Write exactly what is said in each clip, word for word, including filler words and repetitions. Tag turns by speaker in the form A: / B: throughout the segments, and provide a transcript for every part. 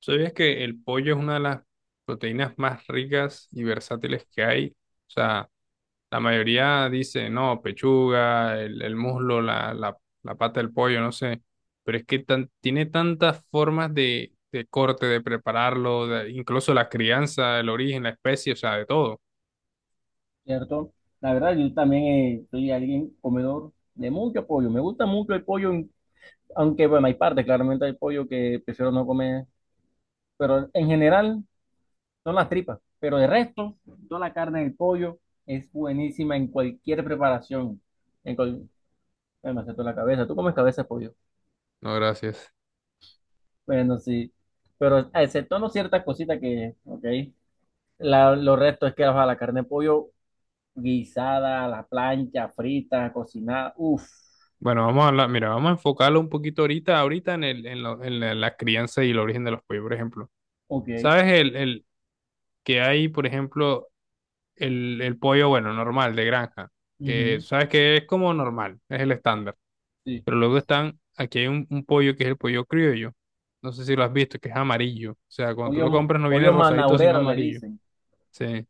A: ¿Sabías que el pollo es una de las proteínas más ricas y versátiles que hay? O sea, la mayoría dice, no, pechuga, el, el muslo, la, la, la pata del pollo, no sé. Pero es que tan- tiene tantas formas de, de corte, de prepararlo, de- incluso la crianza, el origen, la especie, o sea, de todo.
B: ¿Cierto? La verdad, yo también eh, soy alguien comedor de mucho pollo. Me gusta mucho el pollo, aunque bueno, hay partes, claramente hay pollo que prefiero no comer, pero en general son las tripas. Pero de resto, toda la carne del pollo es buenísima en cualquier preparación. En cual... Ay, me la cabeza. ¿Tú comes cabeza de pollo?
A: No, gracias.
B: Bueno, sí. Pero exceptuando ciertas cositas que, ok. La, lo resto es que ajá, la carne de pollo guisada, a la plancha, frita, cocinada. Uff.
A: Bueno, vamos a hablar, mira, vamos a enfocarlo un poquito ahorita, ahorita en el, en lo- en la, la crianza y el origen de los pollos, por ejemplo.
B: Ok.
A: ¿Sabes el, el que hay, por ejemplo? el, el pollo, bueno, normal, de granja, que
B: Ujú,
A: sabes que es como normal, es el estándar.
B: sí.
A: Pero luego están, aquí hay un, un pollo que es el pollo criollo. No sé si lo has visto, que es amarillo. O sea, cuando tú lo
B: Pollo,
A: compras no viene
B: pollo
A: rosadito, sino
B: manaurero le
A: amarillo.
B: dicen,
A: Sí.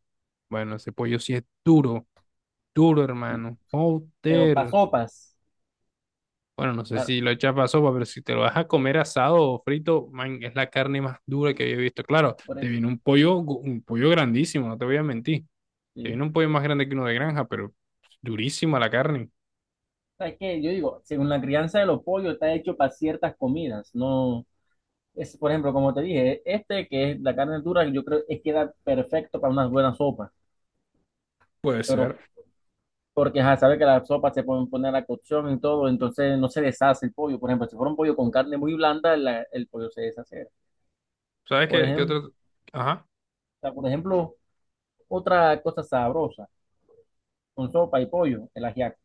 A: Bueno, ese pollo sí es duro, duro,
B: sí.
A: hermano.
B: Pero para
A: Joder.
B: sopas,
A: Bueno, no sé si
B: para,
A: lo echas para sopa, pero si te lo vas a comer asado o frito, man, es la carne más dura que había visto. Claro,
B: por
A: te
B: eso,
A: viene un pollo, gu- un pollo grandísimo, no te voy a mentir. Tiene
B: sí.
A: un pollo más grande que uno de granja, pero durísima la carne.
B: ¿Sabes qué? Yo digo, según la crianza de los pollos está hecho para ciertas comidas, no es, por ejemplo, como te dije, este que es la carne dura, yo creo que queda perfecto para unas buenas sopas,
A: Puede
B: pero
A: ser.
B: porque ya sabe que las sopas se pueden poner a cocción y todo, entonces no se deshace el pollo. Por ejemplo, si fuera un pollo con carne muy blanda, la- el pollo se deshace.
A: ¿Sabes
B: Por
A: qué, qué
B: ejemplo,
A: otro? Ajá,
B: por ejemplo, otra cosa sabrosa. Con sopa y pollo, el ajiaco,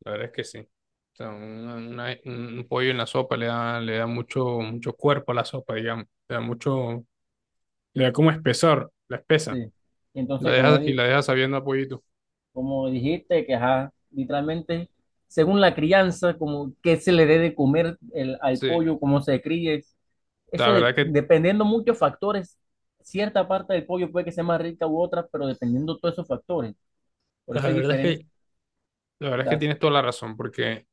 A: la verdad es que sí. O sea, una- una- un pollo en la sopa le da, le da mucho, mucho cuerpo a la sopa, digamos. Le da mucho, le da como espesor, la espesa.
B: sí. Y
A: La
B: entonces, como,
A: deja, y
B: di-
A: la deja sabiendo a pollito.
B: como dijiste, que ajá, literalmente, según la crianza, como qué se le dé de comer el, al
A: Sí,
B: pollo, cómo se críe,
A: la
B: eso de-
A: verdad que,
B: dependiendo muchos factores, cierta parte del pollo puede que sea más rica u otra, pero dependiendo todos esos factores, por
A: la
B: eso hay
A: verdad es
B: diferentes.
A: que, la verdad es que tienes toda la razón, porque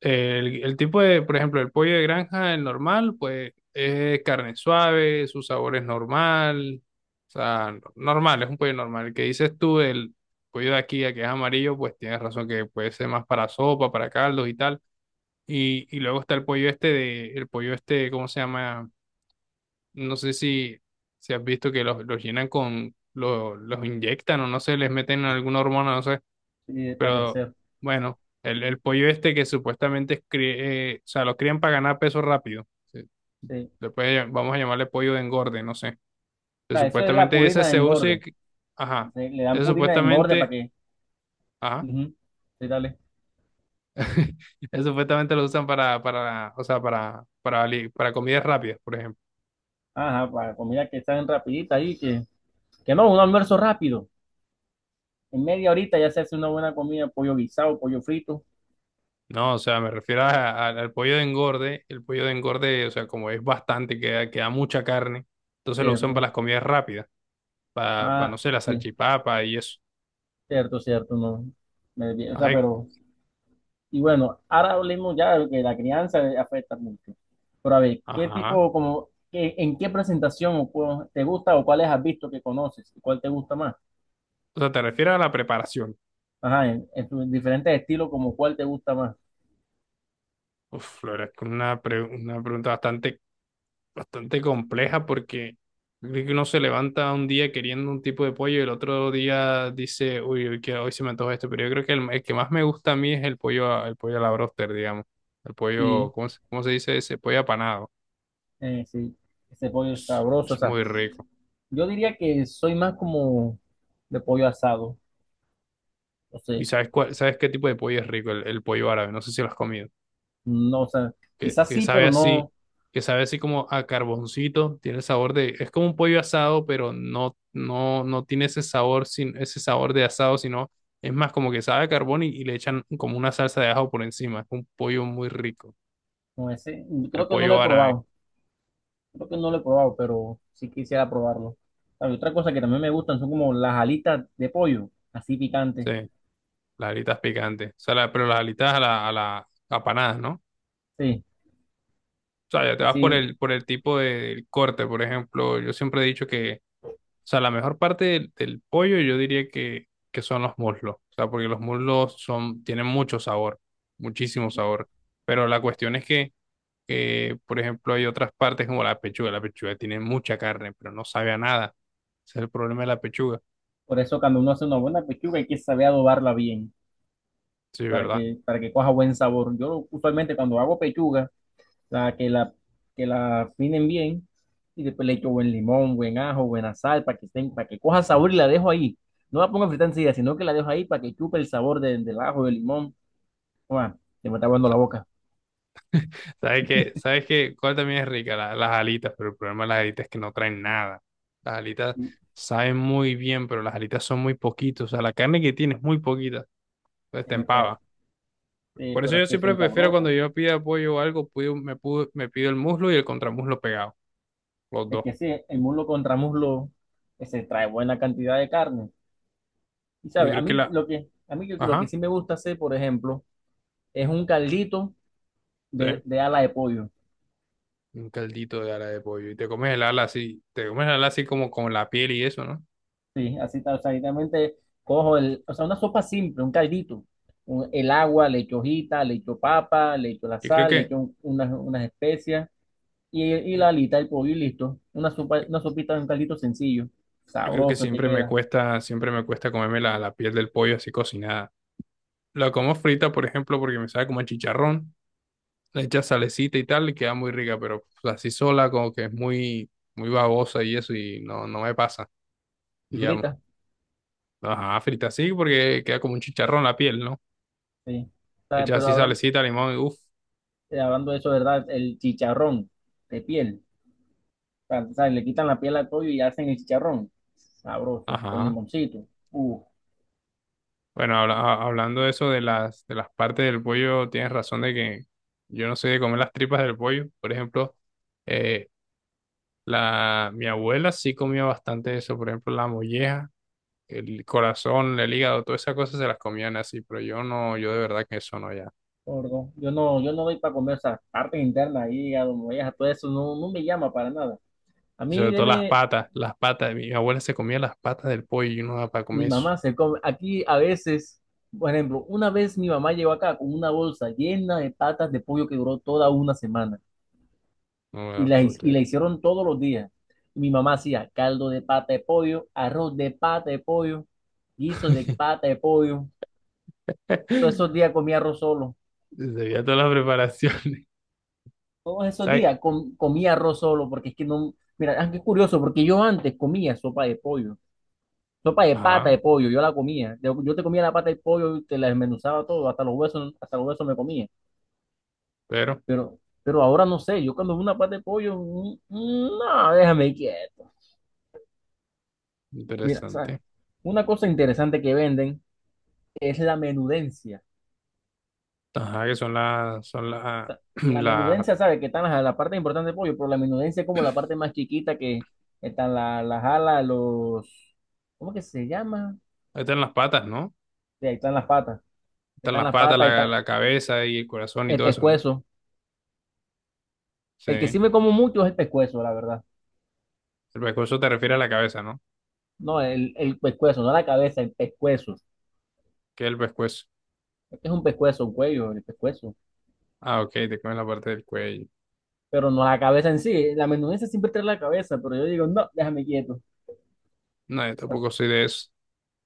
A: El, el tipo de, por ejemplo, el pollo de granja, el normal, pues es carne suave, su sabor es normal, o sea, no- normal, es un pollo normal. El que dices tú, el pollo de aquí, el que es amarillo, pues tienes razón que puede ser más para sopa, para caldos y tal. Y, y luego está el pollo este de, el pollo este, ¿cómo se llama? No sé si, si has visto que los, los llenan con, lo- los inyectan o no sé, les meten alguna hormona, no sé.
B: Sí, para
A: Pero
B: crecer,
A: bueno, el, el pollo este que supuestamente es cri- eh, o sea, lo crían para ganar peso rápido. se-
B: sí.
A: le puede llam- vamos a llamarle pollo de engorde, no sé. Que
B: O sea, eso es la
A: supuestamente ese
B: purina de
A: se usa, y
B: engorde,
A: que- ajá,
B: le le dan
A: ese
B: purina de engorde para
A: supuestamente,
B: que,
A: ajá,
B: ujú, sí, dale.
A: ese supuestamente lo usan para, para, o sea, para, para, li- para comidas rápidas, por ejemplo.
B: Ajá, para comida que están rapidita ahí, que Que no, un almuerzo rápido. En media horita ya se hace una buena comida, pollo guisado, pollo frito,
A: No, o sea, me refiero a- a- al pollo de engorde. El pollo de engorde, o sea, como es bastante, queda, queda mucha carne, entonces lo usan
B: cierto.
A: para las comidas rápidas, para, para, no
B: Ah,
A: sé, la
B: sí,
A: salchipapa y eso.
B: cierto, cierto, no. Me desvié, o
A: Ajá,
B: sea, pero, y bueno, ahora hablemos ya de que la crianza afecta mucho. Pero a ver, ¿qué
A: ajá.
B: tipo, como, qué- en qué presentación o cu- te gusta o cuáles has visto que conoces? ¿Y cuál te gusta más?
A: O sea, te refieres a la preparación.
B: Ajá, en, en tus diferentes estilos, como cuál te gusta más.
A: Uf, la verdad es que una, pre- una pregunta bastante, bastante compleja porque yo creo que uno se levanta un día queriendo un tipo de pollo y el otro día dice, uy, hoy, que- hoy se me antoja esto, pero yo creo que el, el que más me gusta a mí es el pollo, a- el pollo a la broster, digamos. El pollo,
B: Sí,
A: ¿cómo se, cómo se dice ese? Pollo apanado.
B: eh, sí, ese pollo
A: Es,
B: sabroso, o
A: es
B: sea,
A: muy rico.
B: yo diría que soy más como de pollo asado. No sé,
A: ¿Y sabes cuál, sabes qué tipo de pollo es rico? El, el pollo árabe. No sé si lo has comido.
B: no, o sea,
A: que,
B: quizás
A: que
B: sí,
A: sabe
B: pero
A: así,
B: no,
A: que sabe así como a carboncito, tiene el sabor de, es como un pollo asado, pero no, no, no tiene ese sabor, sin, ese sabor de asado, sino es más como que sabe a carbón y, y le echan como una salsa de ajo por encima, es un pollo muy rico,
B: no ese,
A: el
B: creo que no lo
A: pollo
B: he
A: árabe,
B: probado, creo que no lo he probado, pero sí quisiera probarlo. Hay otra cosa que también me gustan son como las alitas de pollo, así
A: sí,
B: picantes,
A: las alitas picantes, o sea, la- pero las alitas a la, a la apanadas, ¿no?
B: sí,
A: O sea, ya te vas por
B: así,
A: el, por el tipo de- del corte, por ejemplo, yo siempre he dicho que, o sea, la mejor parte del, del pollo yo diría que, que son los muslos. O sea, porque los muslos son, tienen mucho sabor, muchísimo sabor. Pero la cuestión es que, que, por ejemplo, hay otras partes como la pechuga. La pechuga tiene mucha carne, pero no sabe a nada. Ese es el problema de la pechuga.
B: por eso cuando uno hace una buena pechuga hay que saber adobarla bien,
A: Sí,
B: para
A: ¿verdad?
B: que, para que coja buen sabor. Yo usualmente cuando hago pechuga, sea, que la, que la afinen bien y después le echo buen limón, buen ajo, buena sal para que estén, para que coja sabor y la dejo ahí. No la pongo a fritar enseguida, sino que la dejo ahí para que chupe el sabor del, del ajo del limón. Uah, se me está aguando la boca.
A: ¿Sabes qué? ¿Sabes qué? ¿Cuál también es rica? La- las alitas, pero el problema de las alitas es que no traen nada. Las alitas
B: Sí.
A: saben muy bien, pero las alitas son muy poquitos. O sea, la carne que tiene es muy poquita. Entonces te
B: En efecto,
A: empava.
B: eh,
A: Por eso
B: pero es
A: yo
B: que
A: siempre
B: son
A: prefiero cuando
B: sabrosas.
A: yo pido apoyo o algo, pido- me, pudo- me pido el muslo y el contramuslo pegado, los
B: Es
A: dos.
B: que sí, el muslo contra muslo eh, se trae buena cantidad de carne. Y
A: Yo
B: sabes, a
A: creo que
B: mí
A: la,
B: lo que, a mí lo que
A: Ajá,
B: sí me gusta hacer, por ejemplo, es un caldito de,
A: sí,
B: de ala de pollo.
A: un caldito de ala de pollo y te comes el ala así, te comes el ala así como con la piel y eso, ¿no?
B: Sí, así tal, o sea, literalmente cojo el, o sea, una sopa simple, un caldito, un- el agua, le echo hojita, le echo papa, le echo la
A: Yo creo
B: sal, le
A: que,
B: echo un- unas, unas especias y, y
A: yo
B: la alita del pollo y listo. Una sopa, una sopita, un caldito sencillo,
A: creo que
B: sabroso te
A: siempre me
B: queda
A: cuesta, siempre me cuesta comerme la, la piel del pollo así cocinada. La como frita, por ejemplo, porque me sabe como a chicharrón, le echas salecita y tal, y queda muy rica, pero pues, así sola como que es muy, muy babosa y eso y no, no me pasa.
B: y
A: Y ya
B: frita,
A: Ajá, frita así porque queda como un chicharrón la piel, ¿no?
B: sí. O sea,
A: Hecha
B: pero
A: así
B: hablan-
A: salecita, limón y uff.
B: eh, hablando de eso, ¿verdad? El chicharrón de piel, o sea, o sea, le quitan la piel al pollo y hacen el chicharrón, sabroso, con
A: Ajá.
B: limoncito. Uf.
A: Bueno, habla- a- hablando de eso de las, de las partes del pollo, tienes razón de que yo no soy de comer las tripas del pollo. Por ejemplo, eh, la, mi abuela sí comía bastante eso. Por ejemplo, la molleja, el corazón, el hígado, todas esas cosas se las comían así, pero yo no, yo de verdad que eso no ya.
B: Gordo. Yo no, yo no doy para comer esas partes internas ahí, a donde vayas, a todo eso, no, no me llama para nada. A
A: Y
B: mí,
A: sobre todo las
B: deme,
A: patas, las patas. Mi abuela se comía las patas del pollo y yo no da para
B: mi
A: comer eso.
B: mamá se come. Aquí a veces, por ejemplo, una vez mi mamá llegó acá con una bolsa llena de patas de pollo que duró toda una semana
A: No me
B: y
A: la
B: la,
A: puedo
B: hi- y la
A: creer.
B: hicieron todos los días. Y mi mamá hacía caldo de pata de pollo, arroz de pata de pollo, guiso de pata de pollo. Todos esos días comía arroz solo.
A: Debía todas las preparaciones.
B: Todos esos
A: ¿Sabes?
B: días com- comía arroz solo, porque es que no, mira, ah, qué curioso, porque yo antes comía sopa de pollo, sopa de pata
A: Ajá,
B: de pollo, yo la comía, yo, yo te comía la pata de pollo, y te la desmenuzaba todo, hasta los huesos, hasta los huesos me comía,
A: pero
B: pero, pero ahora no sé, yo cuando veo una pata de pollo, mm, mm, no, déjame quieto. Mira, ¿sabes?
A: interesante.
B: Una cosa interesante que venden es la menudencia.
A: Ajá, que son las, son las,
B: Sea, la
A: las,
B: menudencia, sabe que están las- la, parte importante del pollo, pero la menudencia es como la parte más chiquita que están la- las alas, los, ¿cómo que se llama?
A: están las patas, ¿no?
B: Sí, ahí están las patas,
A: Están
B: están
A: las
B: las
A: patas,
B: patas, ahí
A: la,
B: está
A: la cabeza y el corazón y
B: el
A: todo eso, ¿no?
B: pescuezo.
A: Sí.
B: El que sí
A: El
B: me como mucho es el pescuezo, la verdad.
A: pescuezo te refiere a la cabeza, ¿no?
B: No, el, el pescuezo, no la cabeza, el pescuezo.
A: ¿Qué es el pescuezo?
B: Es que es un pescuezo, un cuello, el pescuezo.
A: Ah, ok, te comes la parte del cuello.
B: Pero no la cabeza en sí. La menudencia siempre trae la cabeza, pero yo digo, no, déjame quieto.
A: No, yo tampoco
B: Así,
A: soy de eso.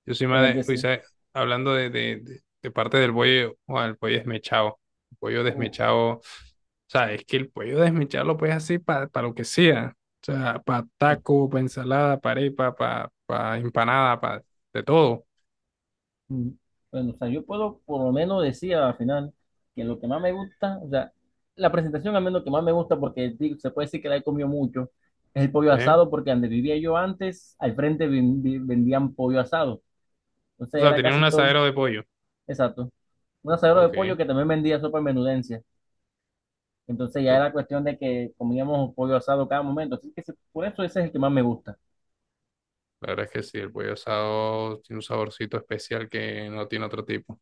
A: Yo soy más
B: eh,
A: de,
B: que
A: uy,
B: sí.
A: ¿sabes? Hablando de, de, de- de parte del pollo, o el pollo desmechado. El pollo
B: Uf.
A: desmechado, o sea, es que el pollo desmechado lo puedes hacer para lo que sea. O sea, para taco, para ensalada, para arepa, para empanada, para de todo.
B: Mm. Bueno, o sea, yo puedo por lo menos decir al final que lo que más me gusta, o sea, la presentación al menos que más me gusta, porque di- se puede decir que la he comido mucho, es el pollo
A: ¿Sí?
B: asado, porque donde vivía yo antes, al frente ven- vi- vendían pollo asado.
A: O
B: Entonces
A: sea,
B: era
A: tiene un
B: casi todo,
A: asadero de pollo.
B: exacto, un asadero de
A: Ok.
B: pollo
A: Te-
B: que también vendía sopa en menudencia. Entonces ya era cuestión de que comíamos pollo asado cada momento. Así que se- por eso ese es el que más me gusta.
A: La verdad es que sí, el pollo asado tiene un saborcito especial que no tiene otro tipo.